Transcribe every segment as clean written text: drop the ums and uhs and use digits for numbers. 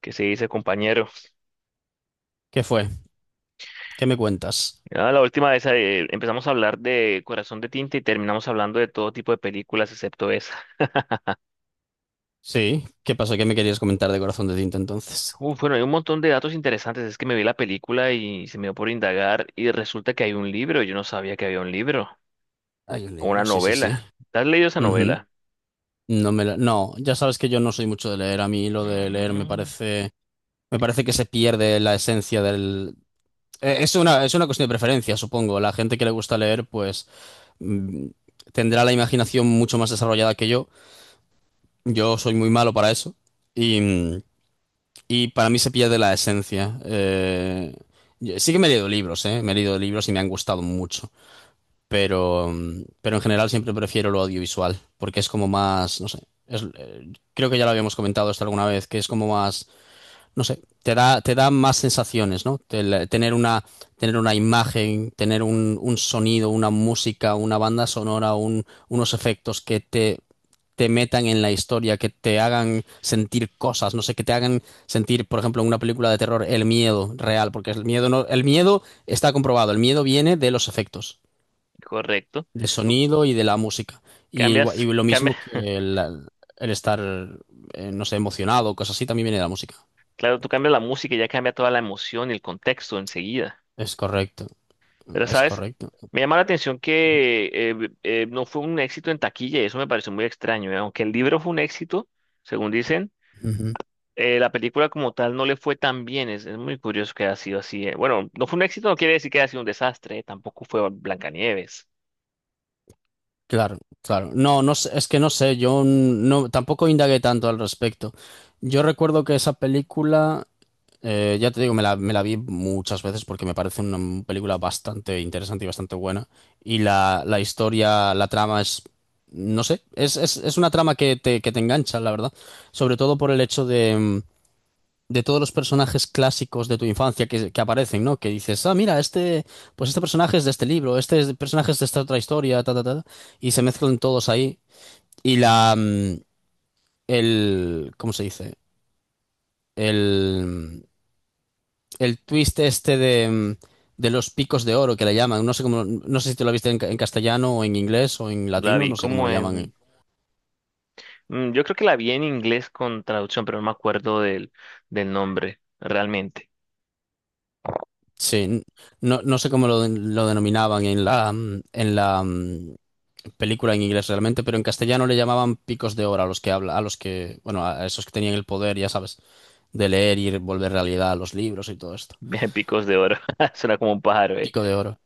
¿Qué se dice, compañero? ¿Qué fue? ¿Qué me cuentas? Ya la última vez empezamos a hablar de Corazón de Tinta y terminamos hablando de todo tipo de películas excepto esa. Sí, ¿qué pasó? ¿Qué me querías comentar de Corazón de Tinta entonces? Uf, bueno, hay un montón de datos interesantes. Es que me vi la película y se me dio por indagar y resulta que hay un libro. Yo no sabía que había un libro Hay un o una libro, sí, sí, sí. novela. ¿Te has leído esa Ujú. novela? No, ya sabes que yo no soy mucho de leer. A mí lo de leer me Mm. parece, me parece que se pierde la esencia del. Es una cuestión de preferencia, supongo. La gente que le gusta leer, pues mm, tendrá la imaginación mucho más desarrollada que yo. Yo soy muy malo para eso. Y, mm, y para mí se pierde la esencia. Sí que me he leído libros, ¿eh? Me he leído libros y me han gustado mucho. Pero en general siempre prefiero lo audiovisual, porque es como más, no sé, creo que ya lo habíamos comentado esto alguna vez, que es como más, no sé, te da más sensaciones, ¿no? Tener una imagen, tener un sonido, una música, una banda sonora, unos efectos que te metan en la historia, que te hagan sentir cosas, no sé, que te hagan sentir, por ejemplo, en una película de terror, el miedo real, porque el miedo no, el miedo está comprobado, el miedo viene de los efectos Correcto. de Tú sonido y de la música. Y cambias, lo cambia, mismo que el estar, no sé, emocionado, cosas así, también viene de la música. claro, tú cambias la música y ya cambia toda la emoción y el contexto enseguida. Es correcto, Pero, es ¿sabes? correcto. Me llama la atención que no fue un éxito en taquilla y eso me pareció muy extraño, ¿eh? Aunque el libro fue un éxito, según dicen, Ujú. La película como tal no le fue tan bien. Es muy curioso que haya sido así. Bueno, no fue un éxito, no quiere decir que haya sido un desastre. Tampoco fue Blancanieves. Claro, claro. No, no sé, es que no sé, yo no, tampoco indagué tanto al respecto. Yo recuerdo que esa película. Ya te digo, me la vi muchas veces porque me parece una película bastante interesante y bastante buena. Y la historia, la trama es, no sé, es una trama que te, engancha, la verdad. Sobre todo por el hecho de todos los personajes clásicos de tu infancia que aparecen, ¿no? Que dices, ah, mira, este, pues este personaje es de este libro, este personaje es de esta otra historia, ta, ta, ta. Y se mezclan todos ahí. Y el, ¿cómo se dice? El el twist este de los picos de oro que le llaman. No sé cómo, no sé si te lo viste en castellano o en inglés o en La latino, vi no sé cómo como lo llaman. en... yo creo que la vi en inglés con traducción, pero no me acuerdo del nombre, realmente. Sí, no, no sé cómo lo denominaban en la película en inglés realmente, pero en castellano le llamaban picos de oro a los que habla, a los que, bueno, a esos que tenían el poder, ya sabes, de leer y volver realidad a los libros y todo esto. Picos de oro. Suena como un pájaro, ¿eh? Pico de oro.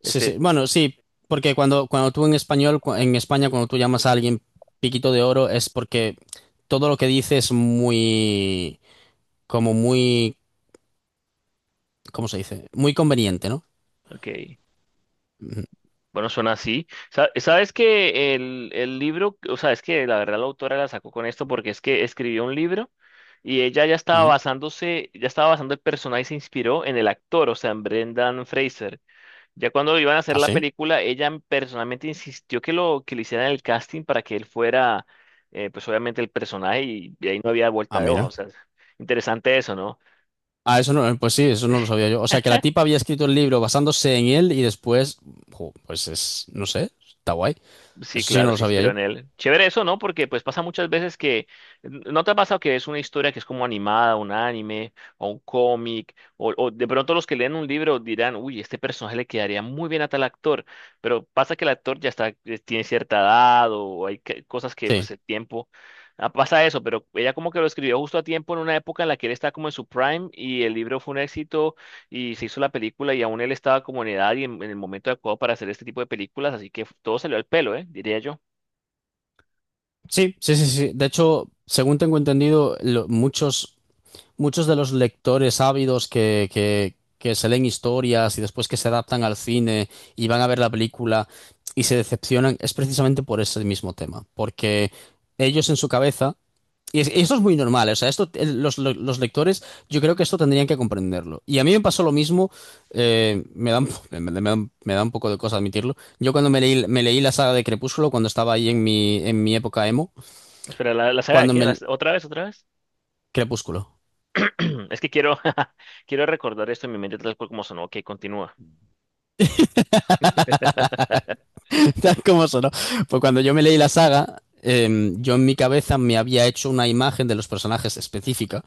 Sí, Este, sí. Bueno, sí, porque cuando tú en español, en España, cuando tú llamas a alguien piquito de oro, es porque todo lo que dice es muy, como muy, ¿cómo se dice? Muy conveniente, ¿no? ok. Ujú, Bueno, suena así. Sabes que el libro, o sea, es que la verdad la autora la sacó con esto porque es que escribió un libro y ella ya estaba ujú. basándose, ya estaba basando el personaje y se inspiró en el actor, o sea, en Brendan Fraser. Ya cuando iban a hacer Ah, la sí. película, ella personalmente insistió que lo que le hicieran el casting para que él fuera, pues obviamente el personaje y ahí no había Ah, vuelta de hoja. O mira. sea, interesante eso, ¿no? Ah, eso no, pues sí, eso no lo sabía yo. O sea, que la tipa había escrito el libro basándose en él y después, jo, pues es, no sé, está guay. Sí, Eso sí que claro, no lo se sabía inspiró yo. en él. Chévere eso, ¿no? Porque pues pasa muchas veces que, ¿no te ha pasado que es una historia que es como animada, un anime, o un cómic, o de pronto los que leen un libro dirán, uy, este personaje le quedaría muy bien a tal actor, pero pasa que el actor ya está, tiene cierta edad, o cosas que pues Sí, el tiempo, pasa eso, pero ella como que lo escribió justo a tiempo en una época en la que él está como en su prime y el libro fue un éxito y se hizo la película y aún él estaba como en edad y en el momento adecuado para hacer este tipo de películas, así que todo salió al pelo, ¿eh? Diría yo. sí, sí, sí, sí. De hecho, según tengo entendido, muchos de los lectores ávidos que, que se leen historias y después que se adaptan al cine y van a ver la película y se decepcionan, es precisamente por ese mismo tema. Porque ellos en su cabeza, y esto es muy normal, o sea, esto, los, los lectores, yo creo que esto tendrían que comprenderlo. Y a mí me pasó lo mismo, me da un poco de cosa admitirlo. Yo cuando me leí la saga de Crepúsculo, cuando estaba ahí en mi época emo, Espera, ¿la saga de cuando qué? Me... ¿Otra vez, otra vez? Crepúsculo. Es que quiero, quiero recordar esto en mi mente tal cual como sonó. Ok, continúa. Tal como sonó. Pues cuando yo me leí la saga, yo en mi cabeza me había hecho una imagen de los personajes específica,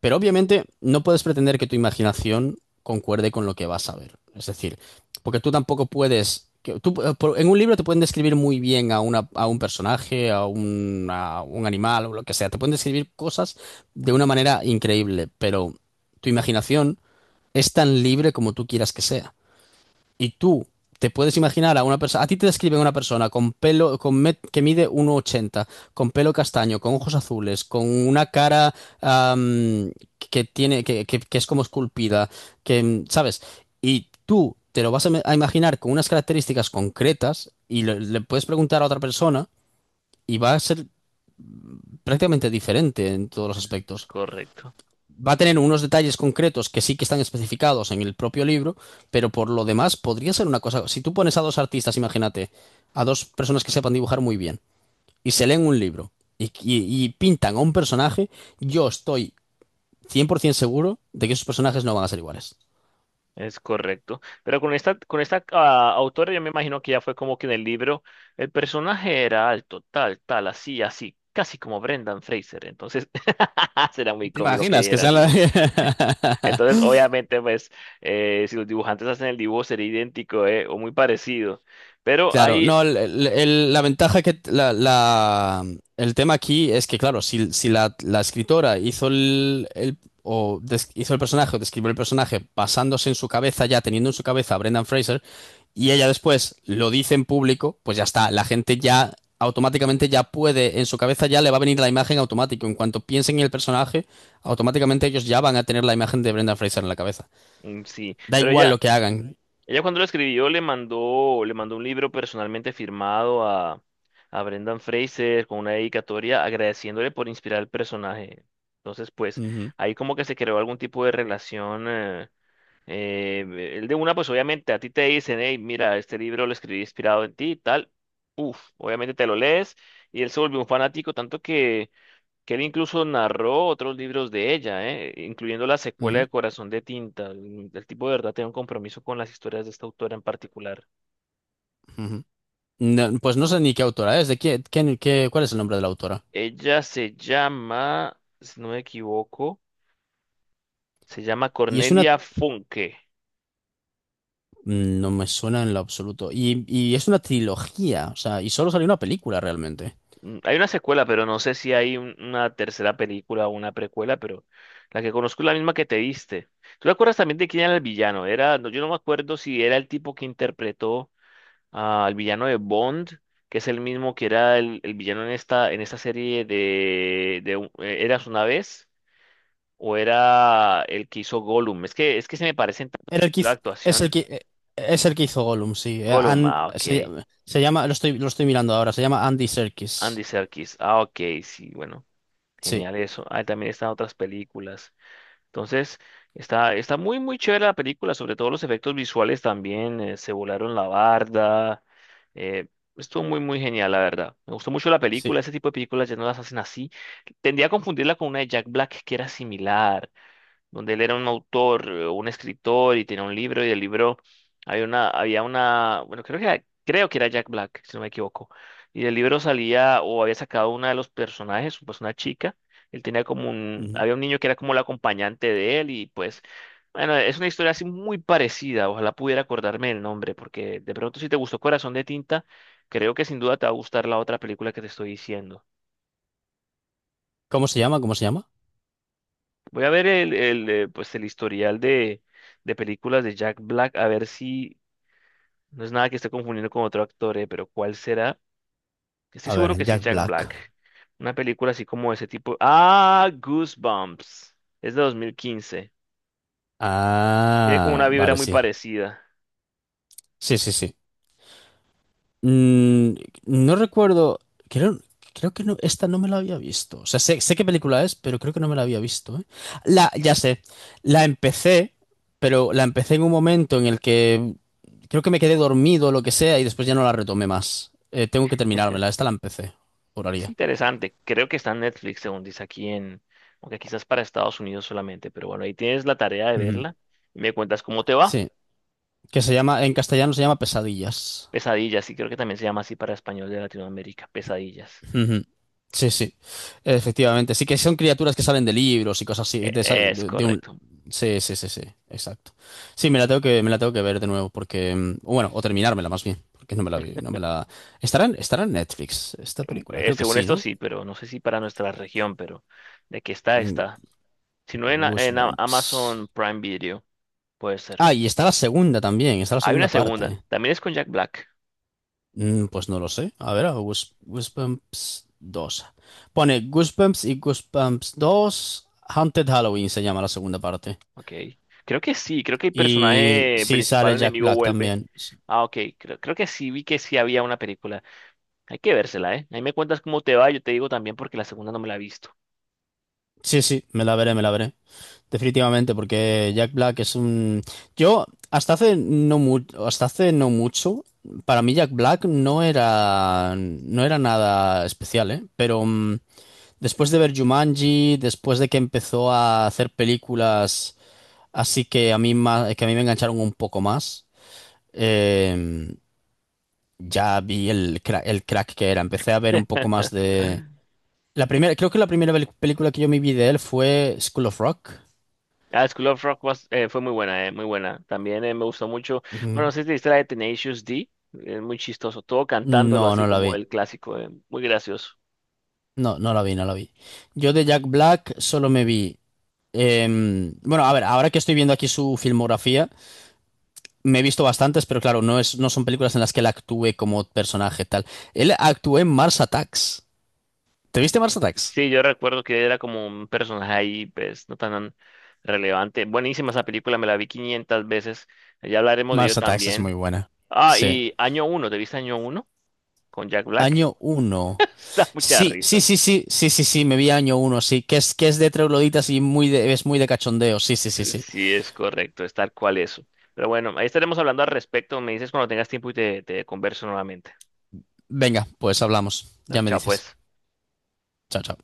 pero obviamente no puedes pretender que tu imaginación concuerde con lo que vas a ver. Es decir, porque tú tampoco puedes... en un libro te pueden describir muy bien a un personaje, a un animal o lo que sea. Te pueden describir cosas de una manera increíble, pero tu imaginación es tan libre como tú quieras que sea. Y tú te puedes imaginar a una persona, a ti te describen una persona con pelo, que mide 1,80, con pelo castaño, con ojos azules, con una cara am, que tiene, que es como esculpida, ¿sabes? Y tú te lo vas a imaginar con unas características concretas y le puedes preguntar a otra persona y va a ser prácticamente diferente en todos los Es aspectos. correcto, Va a tener unos detalles concretos que sí que están especificados en el propio libro, pero por lo demás podría ser una cosa. Si tú pones a dos artistas, imagínate, a dos personas que sepan dibujar muy bien y se leen un libro y, y pintan a un personaje, yo estoy 100% seguro de que esos personajes no van a ser iguales. es correcto. Pero con esta autora yo me imagino que ya fue como que en el libro el personaje era alto, tal, tal, así, así, casi como Brendan Fraser. Entonces será muy ¿Te cómico que imaginas que dijera. sea la... Entonces, obviamente, pues, si los dibujantes hacen el dibujo sería idéntico, o muy parecido. Pero Claro, hay, no, la ventaja que el tema aquí es que, claro, si la escritora hizo el personaje o describió el personaje basándose en su cabeza, ya teniendo en su cabeza a Brendan Fraser, y ella después lo dice en público, pues ya está, la gente ya automáticamente ya puede, en su cabeza ya le va a venir la imagen automático. En cuanto piensen en el personaje, automáticamente ellos ya van a tener la imagen de Brendan Fraser en la cabeza. Sí, Da pero igual ella, lo que hagan. ella cuando lo escribió le mandó un libro personalmente firmado a Brendan Fraser con una dedicatoria agradeciéndole por inspirar el personaje. Entonces, pues, Ujú, ahí como que se creó algún tipo de relación. Eh, pues obviamente a ti te dicen, hey, mira, este libro lo escribí inspirado en ti y tal. Uf, obviamente te lo lees y él se volvió un fanático, tanto que él incluso narró otros libros de ella, incluyendo la secuela ujú, de Corazón de Tinta. El tipo de verdad tiene un compromiso con las historias de esta autora en particular. ujú. No, pues no sé ni qué autora es, de qué, qué- qué- cuál es el nombre de la autora. Ella se llama, si no me equivoco, se llama Y es una... Cornelia Funke. No me suena en lo absoluto. Y es una trilogía, o sea, y solo salió una película realmente. Hay una secuela, pero no sé si hay una tercera película o una precuela, pero la que conozco es la misma que te diste. ¿Tú te acuerdas también de quién era el villano? Era, no, yo no me acuerdo si era el tipo que interpretó al villano de Bond, que es el mismo que era el villano en esta serie de Eras una vez, o era el que hizo Gollum. Es que se me parecen tanto Era el que la hiz- es el actuación. que, es el que hizo Gollum, sí. Gollum, ah, ok. Lo estoy mirando ahora, se llama Andy Andy Serkis. Serkis, ah, ok, sí, bueno, Sí, genial eso. Ah, también están otras películas. Entonces, está muy, muy chévere la película, sobre todo los efectos visuales también, se volaron la barda, eh, estuvo muy, muy genial, la verdad. Me gustó mucho la sí. película, ese tipo de películas ya no las hacen así. Tendía a confundirla con una de Jack Black que era similar, donde él era un autor, un escritor y tenía un libro y el libro bueno, creo que era Jack Black, si no me equivoco. Y del libro salía o había sacado una de los personajes, pues una chica. Él tenía como Ujú. había un niño que era como el acompañante de él y pues, bueno, es una historia así muy parecida. Ojalá pudiera acordarme el nombre porque de pronto si te gustó Corazón de Tinta, creo que sin duda te va a gustar la otra película que te estoy diciendo. ¿Cómo se llama? ¿Cómo se llama? Voy a ver el pues el historial de películas de Jack Black, a ver si no es nada que esté confundiendo con otro actor, pero ¿cuál será? Estoy A ver, seguro que sí es Jack Jack Black. Black. Una película así como ese tipo. Ah, Goosebumps. Es de 2015. Tiene como una Ah, vibra vale, muy sí. parecida. Sí, sí, sí. Mm, no recuerdo, creo, creo que no, esta no me la había visto. O sea, sé qué película es, pero creo que no me la había visto, ¿eh? Ya sé, la empecé, pero la empecé en un momento en el que creo que me quedé dormido o lo que sea y después ya no la retomé más. Tengo que terminármela, esta la empecé, Es juraría. interesante. Creo que está en Netflix, según dice aquí en... Aunque quizás para Estados Unidos solamente, pero bueno, ahí tienes la tarea de Ujú. verla. Y me cuentas cómo te va. Sí, que se llama, en castellano se llama Pesadillas. Pesadillas, sí, creo que también se llama así para español de Latinoamérica. Pesadillas. Ujú. Sí, sí, efectivamente. Sí que son criaturas que salen de libros y cosas así, E- de, esa- Es de- de un... correcto. Sí, sí, sí, sí, exacto. Sí, me la tengo que ver de nuevo porque, bueno, o terminármela más bien, porque no me la vi, no me la... ¿Estará en Netflix esta película? Creo que Según sí, esto ¿no? sí, pero no sé si para nuestra región, pero de que está, Mm, está. Si no en Goosebumps. Amazon Prime Video, puede ser. Ah, y está la segunda también, está la Hay una segunda segunda, parte. también es con Jack Black. Mm, pues no lo sé. A ver, Goosebumps dos. Pone Goosebumps y Goosebumps dos, Haunted Halloween se llama la segunda parte. Ok. Creo que sí, creo que el Y personaje sí principal sale Jack enemigo Black vuelve. también. Ah, ok, creo que sí, vi que sí había una película. Hay que vérsela, ¿eh? Ahí me cuentas cómo te va, yo te digo también porque la segunda no me la he visto. Sí, sí, me la veré, me la veré. Definitivamente, porque Jack Black es un... Yo, hasta hace no mu hasta hace no mucho, para mí Jack Black no era nada especial, ¿eh? Pero después de ver Jumanji, después de que empezó a hacer películas así que a mí me engancharon un poco más, eh, ya vi el crack que era. Empecé a ver un poco más de. La primera, creo que la primera película que yo me vi de él fue School of Rock. Ah, School of Rock fue muy buena, muy buena. También me gustó mucho. Bueno, Ujú. no sé si te viste la de Tenacious D. Es muy chistoso. Todo No, cantándolo así no la como vi. el clásico. Muy gracioso. No, no la vi, no la vi. Yo de Jack Black solo me vi. Bueno, a ver, ahora que estoy viendo aquí su filmografía, me he visto bastantes, pero claro, no son películas en las que él actúe como personaje tal. Él actuó en Mars Attacks. ¿Te viste Mars Attacks? Sí, yo recuerdo que era como un personaje ahí, pues, no tan relevante. Buenísima esa película, me la vi 500 veces. Ya hablaremos de ello Mars Attacks es muy también. buena. Ah, Sí. y Año Uno, ¿te viste Año Uno con Jack Black? Año uno, Está mucha sí, sí, risa. sí, sí, sí, sí, sí, me vi año uno, sí, que es de trogloditas y es muy de cachondeo, sí, sí, sí, sí. Sí, es correcto, es tal cual eso. Pero bueno, ahí estaremos hablando al respecto. Me dices cuando tengas tiempo y te converso nuevamente. Venga, pues hablamos, Dale, ya me chao dices. pues. Chao, chao.